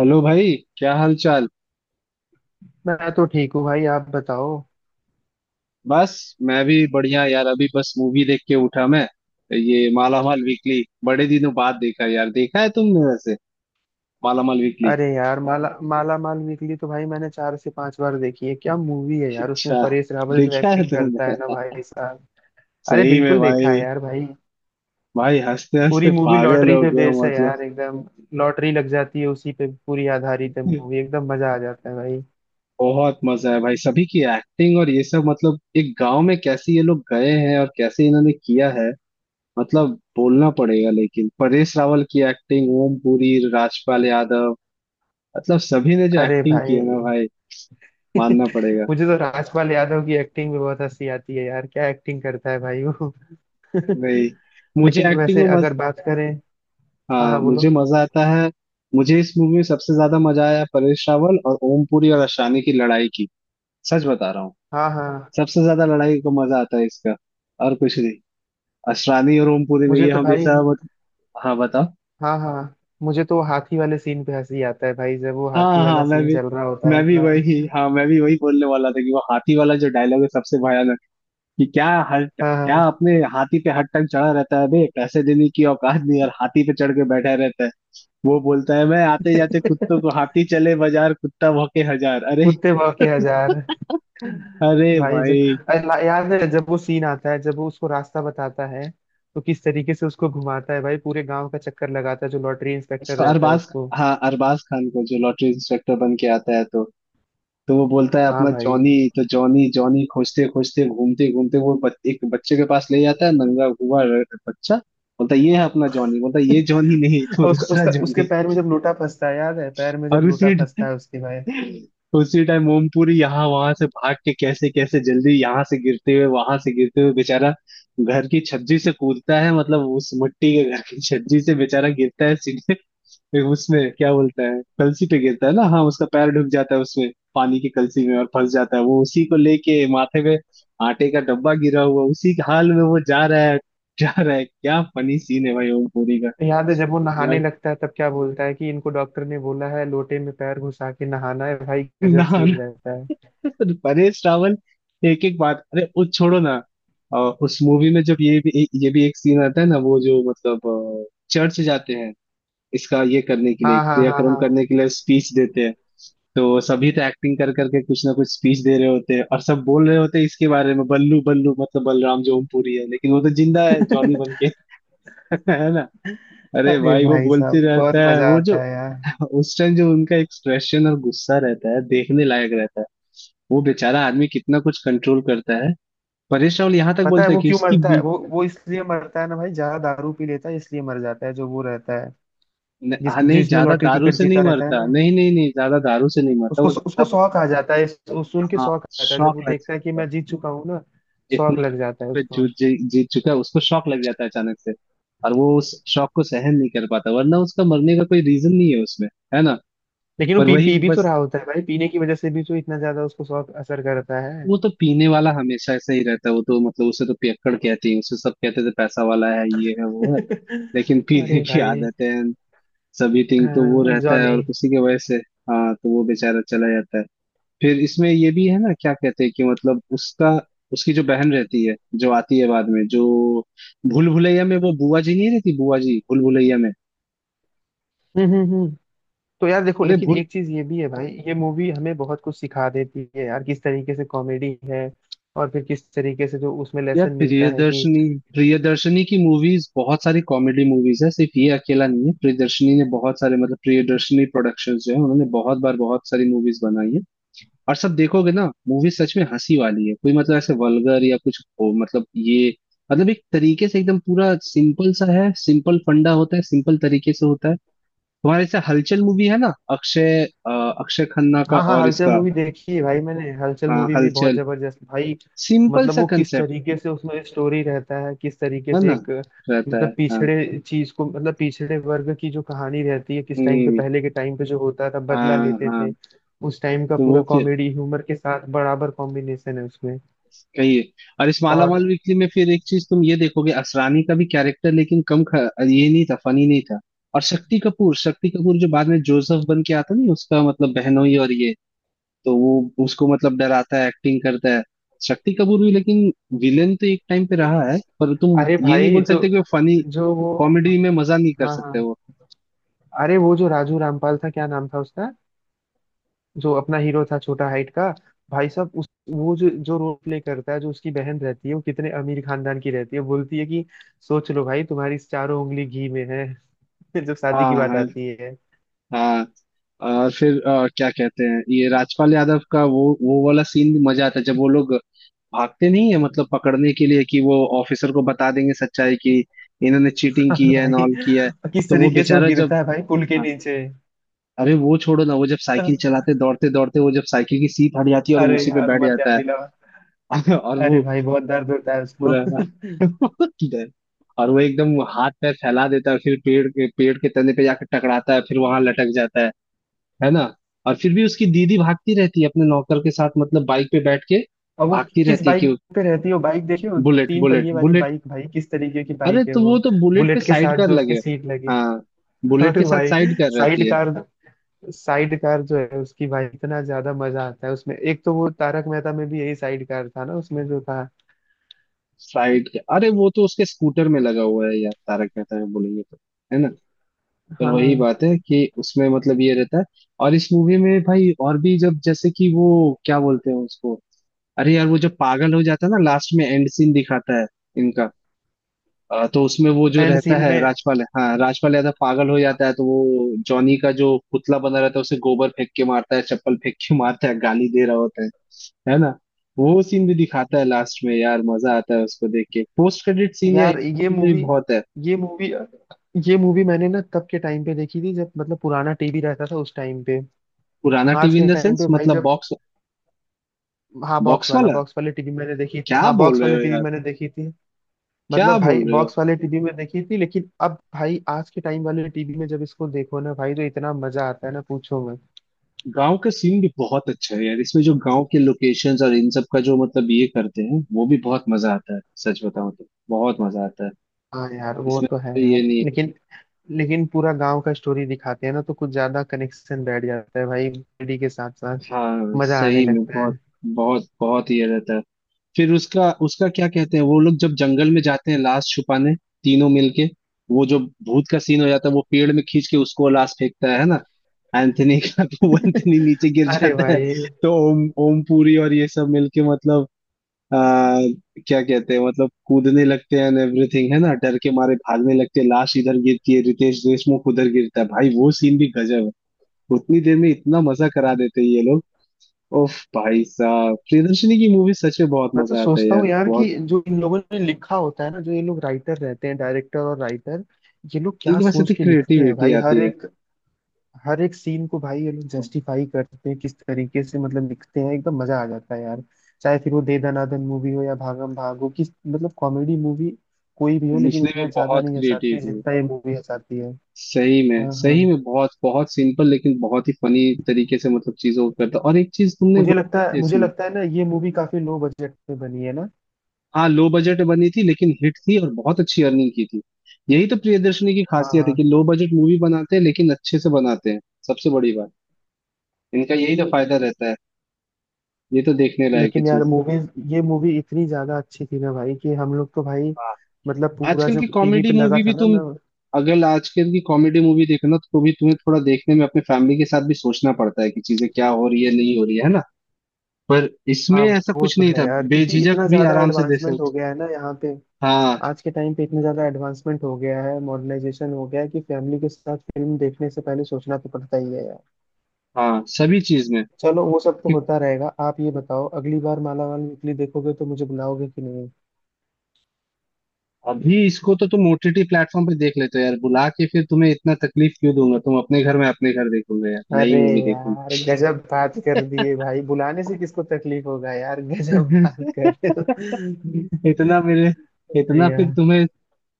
Hello भाई। क्या हाल चाल? मैं तो ठीक हूँ भाई, आप बताओ। बस, मैं भी बढ़िया यार। अभी बस मूवी देख के उठा मैं। ये माला माल वीकली बड़े दिनों बाद देखा यार। देखा है तुमने वैसे? माला माल वीकली? अरे यार, माला माला माल वीकली तो भाई मैंने 4 से 5 बार देखी है। क्या मूवी है यार, उसमें अच्छा, परेश रावल जो देखा है एक्टिंग करता है ना तुमने? भाई साहब। अरे सही में बिल्कुल देखा है भाई? यार भाई। भाई, हंसते पूरी हंसते मूवी पागल लॉटरी हो पे गया बेस हूँ, है मतलब। यार एकदम। लॉटरी लग जाती है, उसी पे पूरी आधारित है मूवी, एकदम मजा आ जाता है भाई। बहुत मजा है भाई, सभी की एक्टिंग और ये सब। मतलब एक गांव में कैसे ये लोग गए हैं और कैसे इन्होंने किया है, मतलब बोलना पड़ेगा। लेकिन परेश रावल की एक्टिंग, ओम पुरी, राजपाल यादव, मतलब सभी ने जो अरे एक्टिंग की भाई। है ना भाई, मानना पड़ेगा। मुझे तो राजपाल यादव की एक्टिंग भी बहुत हंसी आती है यार, क्या एक्टिंग करता है भाई वो। भाई, मुझे लेकिन एक्टिंग वैसे में मज अगर बात करें। हाँ हाँ, हाँ मुझे बोलो। मजा आता है। मुझे इस मूवी में सबसे ज्यादा मजा आया परेश रावल और ओम पुरी और अशानी की लड़ाई की। सच बता रहा हूँ। हाँ हाँ, सबसे ज्यादा लड़ाई का मजा आता है इसका, और कुछ नहीं। असरानी और ओमपुरी में मुझे ये तो भाई, हमेशा मत... हाँ, बताओ। हाँ हाँ, मुझे तो वो हाथी वाले सीन पे हंसी आता है भाई, जब वो हाथी हाँ हाँ, वाला मैं सीन भी, चल रहा होता है मैं भी ना। वही हाँ, मैं भी वही बोलने वाला था कि वो हाथी वाला जो डायलॉग है सबसे भयानक। कि क्या, हर हाँ क्या हाँ। अपने हाथी पे हर टाइम चढ़ा रहता है बे, पैसे देने की औकात नहीं और हाथी पे चढ़ के बैठा रहता है। वो बोलता है मैं आते जाते कुत्तों को, हाथी चले बाजार कुत्ता भौंके हजार, अरे। कुत्ते भौंके हजार। अरे भाई जो भाई! याद है, जब वो सीन आता है जब वो उसको रास्ता बताता है, तो किस तरीके से उसको घुमाता है भाई, पूरे गांव का चक्कर लगाता है जो लॉटरी इंस्पेक्टर इसको रहता है अरबाज, उसको। हाँ अरबाज खान को जो लॉटरी इंस्पेक्टर बन के आता है, तो वो बोलता है हाँ अपना भाई। जॉनी। तो जॉनी जॉनी खोजते खोजते घूमते घूमते वो एक बच्चे के पास ले जाता है, नंगा हुआ बच्चा। बोलता है ये है अपना जॉनी, बोलता है ये जॉनी नहीं तो और उसका दूसरा उसका उसके जॉनी। पैर में जब लोटा फंसता है, याद है पैर में जब और लोटा उसे फंसता है उसके भाई। उसी टाइम ओमपुरी यहाँ वहां से भाग के कैसे कैसे जल्दी यहाँ से गिरते हुए वहां से गिरते हुए बेचारा घर की छज्जी से कूदता है, मतलब उस मिट्टी के घर की छज्जी से बेचारा गिरता है सीधे। फिर उसमें क्या बोलता है, कलसी पे गिरता है ना, हाँ उसका पैर ढुक जाता है उसमें, पानी की कलसी में, और फंस जाता है वो उसी को लेके माथे पे। आटे का डब्बा गिरा हुआ उसी के हाल में वो जा रहा है। जा रहा है, क्या फनी सीन है भाई ओमपुरी का। याद है जब वो भाई, नहाने लगता है तब क्या बोलता है कि इनको डॉक्टर ने बोला है लोटे में पैर घुसा के नहाना है, भाई गजब ना सीन रहता है। ना। परेश रावल, एक एक बात, अरे वो छोड़ो ना। उस मूवी में जब ये भी एक सीन आता है ना, वो जो मतलब चर्च जाते हैं। इसका ये करने के लिए, हाँ हाँ हाँ क्रियाक्रम हाँ। करने के लिए स्पीच देते हैं, तो सभी तो एक्टिंग कर करके कुछ ना कुछ स्पीच दे रहे होते हैं और सब बोल रहे होते हैं इसके बारे में, बल्लू बल्लू मतलब बलराम जो ओमपुरी है, लेकिन वो तो जिंदा है जॉनी बन के। है। अरे अरे भाई, वो भाई बोलते साहब बहुत रहता है मजा वो जो, आता है यार। उस टाइम जो उनका एक्सप्रेशन और गुस्सा रहता है देखने लायक रहता है। वो बेचारा आदमी कितना कुछ कंट्रोल करता है। परेश रावल यहाँ तक पता है बोलता है वो कि क्यों उसकी मरता है, बी वो इसलिए मरता है ना भाई, ज्यादा दारू पी लेता है इसलिए मर जाता है जो वो रहता है। न, आ, जिसकी नहीं, जिसने ज्यादा लॉटरी दारू टिकट से जीता नहीं रहता है मरता, ना, नहीं, नहीं, नहीं, ज्यादा दारू से नहीं मरता उसको वो। उसको ज्यादा, शौक आ जाता है, सुन के हाँ, शौक आ जाता है, जब शौक वो लग देखता है कि जाता है। मैं जीत चुका हूँ ना। शौक इतना लग जाता है करोड़ पे उसको। जीत जीत चुका है, उसको शौक लग जाता है अचानक से, और वो उस शौक को सहन नहीं कर पाता, वरना उसका मरने का कोई रीजन नहीं है उसमें, है ना। लेकिन वो पर पी वही पी भी तो बस, रहा होता है भाई, पीने की वजह से भी तो इतना ज्यादा उसको शौक असर करता है। वो तो पीने वाला हमेशा ऐसा ही रहता है। वो तो मतलब उसे तो पियक्कड़ कहते हैं, उसे सब कहते थे पैसा वाला है, ये है, वो है। लेकिन पीने अरे की भाई। आदत है and सभी थिंग तो वो अ, रहता है जॉनी। और उसी की वजह से, हाँ, तो वो बेचारा चला जाता है। फिर इसमें ये भी है ना, क्या कहते हैं कि मतलब उसका, उसकी जो बहन रहती है जो आती है बाद में, जो भूल भुलैया में वो बुआ जी, नहीं रहती बुआ जी भूल भुलैया में। हम्म हम्म हम्म। तो यार देखो, अरे लेकिन भूल, एक चीज ये भी है भाई, ये मूवी हमें बहुत कुछ सिखा देती है यार, किस तरीके से कॉमेडी है, और फिर किस तरीके से जो उसमें यार लेसन मिलता है कि। प्रियदर्शनी, प्रियदर्शनी की मूवीज बहुत सारी कॉमेडी मूवीज है, सिर्फ ये अकेला नहीं है। प्रियदर्शनी ने बहुत सारे, मतलब प्रियदर्शनी प्रोडक्शंस जो है उन्होंने बहुत बार बहुत सारी मूवीज बनाई है। और सब देखोगे ना, मूवी सच में हंसी वाली है, कोई मतलब ऐसे वल्गर या कुछ हो, मतलब ये मतलब एक तरीके से एकदम पूरा सिंपल सा है। सिंपल फंडा होता है, सिंपल तरीके से होता है। तुम्हारे जैसे हलचल मूवी है ना, अक्षय अक्षय खन्ना का हाँ हाँ, और हलचल इसका। मूवी देखी है भाई मैंने, हलचल हाँ, मूवी भी बहुत हलचल जबरदस्त भाई। सिंपल मतलब सा वो किस कंसेप्ट, तरीके से उसमें स्टोरी रहता है, किस तरीके है से ना, एक, रहता है मतलब हाँ। पिछड़े चीज को, मतलब पिछड़े वर्ग की जो कहानी रहती है, किस टाइम पे हम्म, पहले के टाइम पे जो होता था बदला हाँ लेते हाँ, थे। उस टाइम का तो पूरा वो फिर कॉमेडी ह्यूमर के साथ बराबर कॉम्बिनेशन है उसमें। कही है। और इस माला और माल वीकली में फिर एक चीज तुम ये देखोगे, असरानी का भी कैरेक्टर, लेकिन कम ये नहीं था फनी, नहीं था। और शक्ति कपूर, शक्ति कपूर जो बाद में जोसेफ बन के आता नहीं, उसका मतलब बहनोई, और ये, तो वो उसको मतलब डराता है, एक्टिंग करता है शक्ति कपूर भी। लेकिन विलेन तो एक टाइम पे रहा है, पर तुम अरे ये नहीं भाई बोल जो, सकते कि वो फनी जो वो, कॉमेडी में मजा नहीं कर हाँ सकते हाँ, वो। अरे वो जो राजू रामपाल था, क्या नाम था उसका, जो अपना हीरो था छोटा हाइट का। भाई साहब उस वो जो जो रोल प्ले करता है, जो उसकी बहन रहती है, वो कितने अमीर खानदान की रहती है, बोलती है कि, सोच लो भाई तुम्हारी चारों उंगली घी में है। जब शादी हाँ की बात हाँ आती है। हाँ, और फिर क्या कहते हैं, ये राजपाल यादव का वो वाला सीन भी मजा आता है, जब वो लोग भागते नहीं है मतलब पकड़ने के लिए कि वो ऑफिसर को बता देंगे सच्चाई की, इन्होंने चीटिंग की और है एंड भाई ऑल किया है। किस तो वो तरीके से वो बेचारा जब, गिरता है भाई पुल के हाँ, नीचे। अरे वो छोड़ो ना, वो जब साइकिल चलाते दौड़ते दौड़ते, वो जब साइकिल की सीट हट जाती है और वो अरे उसी पे यार बैठ मत याद जाता दिला। है। और वो अरे भाई बहुत दर्द वो होता है उसको। पूरा। और वो एकदम हाथ पैर फैला देता है, फिर पेड़ के तने पे जाकर टकराता है, फिर वहां लटक जाता है ना। और फिर भी उसकी दीदी भागती रहती है अपने नौकर के साथ, मतलब बाइक पे बैठ के और वो भागती किस रहती है बाइक कि, पे रहती है वो, बाइक देखिए वो, बुलेट तीन बुलेट पहिए वाली बुलेट। बाइक भाई, किस तरीके की अरे बाइक है तो वो। वो तो बुलेट के बुलेट के साइड साथ कर जो उसके लगे, सीट लगी। हाँ बुलेट अरे के साथ भाई साइड कर रहती साइड है। कार। साइड कार जो है उसकी भाई, इतना ज्यादा मजा आता है उसमें। एक तो वो तारक मेहता में भी यही साइड कार था ना उसमें जो था। साइड के, अरे वो तो उसके स्कूटर में लगा हुआ है यार, तारक मेहता में बोलेंगे तो, है ना। पर वही हाँ। बात है कि उसमें मतलब ये रहता है। और इस मूवी में भाई और भी, जब जैसे कि वो क्या बोलते हैं उसको, अरे यार वो जब पागल हो जाता है ना लास्ट में, एंड सीन दिखाता है इनका। तो उसमें वो जो एंड रहता सीन है में। राजपाल, हाँ राजपाल यादव पागल हो जाता है तो वो जॉनी का जो पुतला बना रहता है उसे गोबर फेंक के मारता है, चप्पल फेंक के मारता है, गाली दे रहा होता है ना। वो सीन भी दिखाता है लास्ट में यार, मजा आता है उसको देख के। पोस्ट क्रेडिट सीन या यार scene भी बहुत है। ये मूवी ये मूवी मैंने ना तब के टाइम पे देखी थी जब मतलब पुराना टीवी रहता था उस टाइम पे। पुराना आज टीवी के इन द टाइम सेंस पे भाई मतलब जब, बॉक्स, हाँ बॉक्स बॉक्स वाला, वाला? बॉक्स वाले टीवी मैंने देखी थी, क्या हाँ बोल बॉक्स रहे वाले हो टीवी यार? मैंने देखी थी। क्या मतलब भाई बोल रहे हो? बॉक्स वाले टीवी में देखी थी, लेकिन अब भाई आज के टाइम वाले टीवी में जब इसको देखो ना भाई तो इतना मजा आता है ना पूछो मत। गांव का सीन भी बहुत अच्छा है यार, इसमें जो गांव के लोकेशंस और इन सब का जो मतलब ये करते हैं वो भी बहुत मजा आता है। सच बताऊं तो बहुत मजा आता है, हाँ यार वो इसमें तो है तो ये यार, नहीं। लेकिन, लेकिन पूरा गांव का स्टोरी दिखाते हैं ना तो कुछ ज्यादा कनेक्शन बैठ जाता है भाई, कॉमेडी के साथ साथ हाँ, मजा आने सही में लगता बहुत, है। बहुत बहुत ये रहता है। फिर उसका, उसका क्या कहते हैं, वो लोग जब जंगल में जाते हैं लाश छुपाने, तीनों मिलके, वो जो भूत का सीन हो जाता है, वो पेड़ में खींच के उसको लाश फेंकता है ना, एंथनी का। तो वो एंथनी नीचे गिर अरे जाता है। भाई। तो ओम ओम पुरी और ये सब मिलके मतलब आ, क्या कहते हैं, मतलब कूदने लगते हैं एंड एवरीथिंग, है ना, डर के मारे भागने लगते हैं, लाश इधर गिरती है, रितेश देशमुख उधर गिरता है भाई, वो सीन भी गजब है। उतनी देर में इतना मजा करा देते हैं ये लोग। ओफ भाई साहब, प्रियदर्शनी की मूवी सच में बहुत मैं तो मजा आता है सोचता यार, हूँ यार कि बहुत। जो इन लोगों ने लिखा होता है ना, जो ये लोग राइटर रहते हैं, डायरेक्टर और राइटर, ये लोग क्या एक बस सोच इतनी के लिखते हैं क्रिएटिविटी भाई। आती हर है एक, हर एक सीन को भाई ये लोग जस्टिफाई करते हैं, किस तरीके से मतलब लिखते हैं एकदम मजा आ जाता है यार। चाहे फिर वो दे दनादन मूवी हो या भागम भाग हो, किस, मतलब कॉमेडी मूवी कोई भी हो, लेकिन लिखने में, इतना ज्यादा बहुत नहीं हंसाती है क्रिएटिविटी है। जितना ये मूवी हंसाती है। सही में, हाँ सही हाँ। में बहुत बहुत सिंपल लेकिन बहुत ही फनी तरीके से मतलब चीजों को करता। और एक चीज तुमने मुझे लगता बोला है है मुझे इसमें, लगता है ना ये मूवी काफी लो बजट में बनी है ना। हाँ, लो बजट बनी थी लेकिन हिट थी और बहुत अच्छी अर्निंग की थी। यही तो प्रियदर्शनी की हाँ खासियत है कि हाँ। लो बजट मूवी बनाते हैं लेकिन अच्छे से बनाते हैं। सबसे बड़ी बात, इनका यही तो फायदा रहता है। ये तो देखने लायक है लेकिन यार चीज। मूवीज, ये मूवी इतनी ज्यादा अच्छी थी ना भाई कि हम लोग तो भाई, हाँ, मतलब पूरा आजकल जो की टीवी कॉमेडी पे लगा मूवी था भी ना तुम, मैं। अगर आजकल की कॉमेडी मूवी देखना तो भी तुम्हें थोड़ा देखने में अपने फैमिली के साथ भी सोचना पड़ता है कि चीजें क्या हो रही है नहीं हो रही है ना। पर इसमें हाँ ऐसा वो कुछ तो नहीं है था, यार, क्योंकि बेझिझक इतना भी ज्यादा आराम से देख एडवांसमेंट हो सकते। गया है ना यहाँ पे। हाँ, आज के टाइम पे इतना ज्यादा एडवांसमेंट हो गया है, मॉडर्नाइजेशन हो गया है, कि फैमिली के साथ फिल्म देखने से पहले सोचना तो पड़ता ही है यार। हाँ सभी चीज में। चलो वो सब तो कि होता रहेगा, आप ये बताओ अगली बार मालामाल वीकली देखोगे तो मुझे बुलाओगे कि नहीं। अभी इसको तो तुम ओटीटी प्लेटफॉर्म पे देख लेते हो यार, बुला के फिर तुम्हें इतना तकलीफ क्यों दूंगा। तुम अपने घर में, अपने घर देखोगे यार नई अरे मूवी, यार गजब बात कर दिए भाई, बुलाने से किसको तकलीफ होगा यार। गजब देखोगे। बात कर रहे हो। इतना मेरे, नहीं इतना फिर यार। तुम्हें,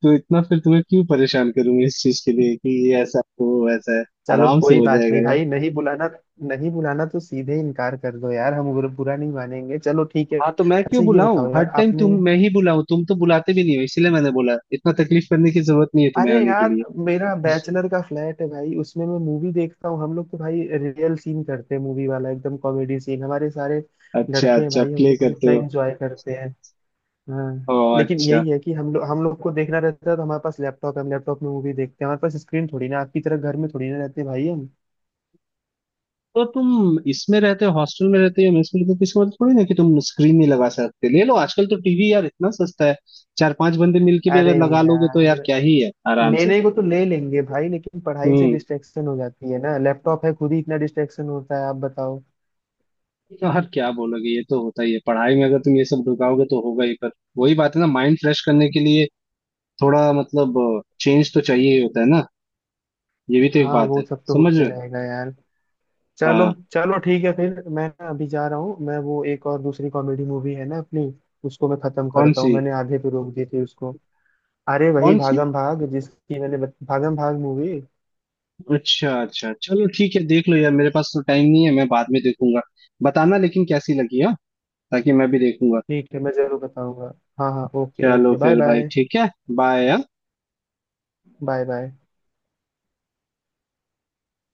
तो इतना फिर तुम्हें क्यों परेशान करूंगा इस चीज के लिए कि ये ऐसा हो वैसा है। चलो आराम से कोई हो बात जाएगा नहीं यार। भाई, नहीं बुलाना। नहीं बुलाना तो सीधे इनकार कर दो यार, हम बुरा बुरा नहीं मानेंगे। चलो ठीक है, हाँ, तो मैं अच्छा क्यों ये बुलाऊं बताओ हर यार टाइम? तुम, आपने। मैं ही बुलाऊं, तुम तो बुलाते भी नहीं हो, इसलिए मैंने बोला इतना तकलीफ करने की जरूरत नहीं है तुम्हें अरे आने के यार लिए। मेरा बैचलर का फ्लैट है भाई, उसमें मैं मूवी देखता हूँ, हम लोग तो भाई रियल सीन करते हैं, मूवी वाला एकदम कॉमेडी सीन, हमारे सारे अच्छा लड़के हैं अच्छा भाई, हम प्ले लोग करते इतना हो। एंजॉय करते। हाँ ओ लेकिन अच्छा, यही है कि हम लोग को देखना रहता है तो हमारे पास लैपटॉप है, हम लैपटॉप में मूवी देखते हैं, हमारे पास स्क्रीन थोड़ी ना आपकी तरह घर में, थोड़ी ना रहते भाई हम। तो तुम इसमें रहते हो, हॉस्टल में रहते हो, मेस में रहते हो, तो इसका मतलब थोड़ी ना कि तुम स्क्रीन नहीं लगा सकते। ले लो, आजकल तो टीवी यार इतना सस्ता है, चार पांच बंदे मिलके भी अगर अरे लगा लोगे तो यार यार, क्या ही है, आराम से। लेने को तो ले लेंगे भाई, लेकिन पढ़ाई से हम्म, डिस्ट्रैक्शन हो जाती है ना, लैपटॉप है खुद ही इतना डिस्ट्रैक्शन होता है, आप बताओ। तो यार क्या बोलोगे, ये तो होता ही है पढ़ाई में, अगर तुम ये सब ढुकाओगे तो होगा ही। पर वही बात है ना, माइंड फ्रेश करने के लिए थोड़ा मतलब चेंज तो चाहिए ही होता है ना, ये भी तो एक हाँ बात वो है। सब तो समझ होते रहे हो? रहेगा यार। चलो। हाँ। चलो ठीक है, फिर मैं ना अभी जा रहा हूँ, मैं वो एक और दूसरी कॉमेडी मूवी है ना अपनी, उसको मैं खत्म कौन करता हूँ, सी? मैंने आधे पे रोक दी थी उसको। अरे वही कौन सी? भागम भाग, जिसकी मैंने भागम भाग मूवी। अच्छा अच्छा, चलो ठीक है, देख लो यार, मेरे पास तो टाइम नहीं है, मैं बाद में देखूंगा। बताना लेकिन कैसी लगी, हाँ, ताकि मैं भी देखूंगा। ठीक है मैं जरूर बताऊंगा। हाँ हाँ, ओके चलो ओके, बाय फिर भाई, बाय। ठीक है। बाय। Bye bye.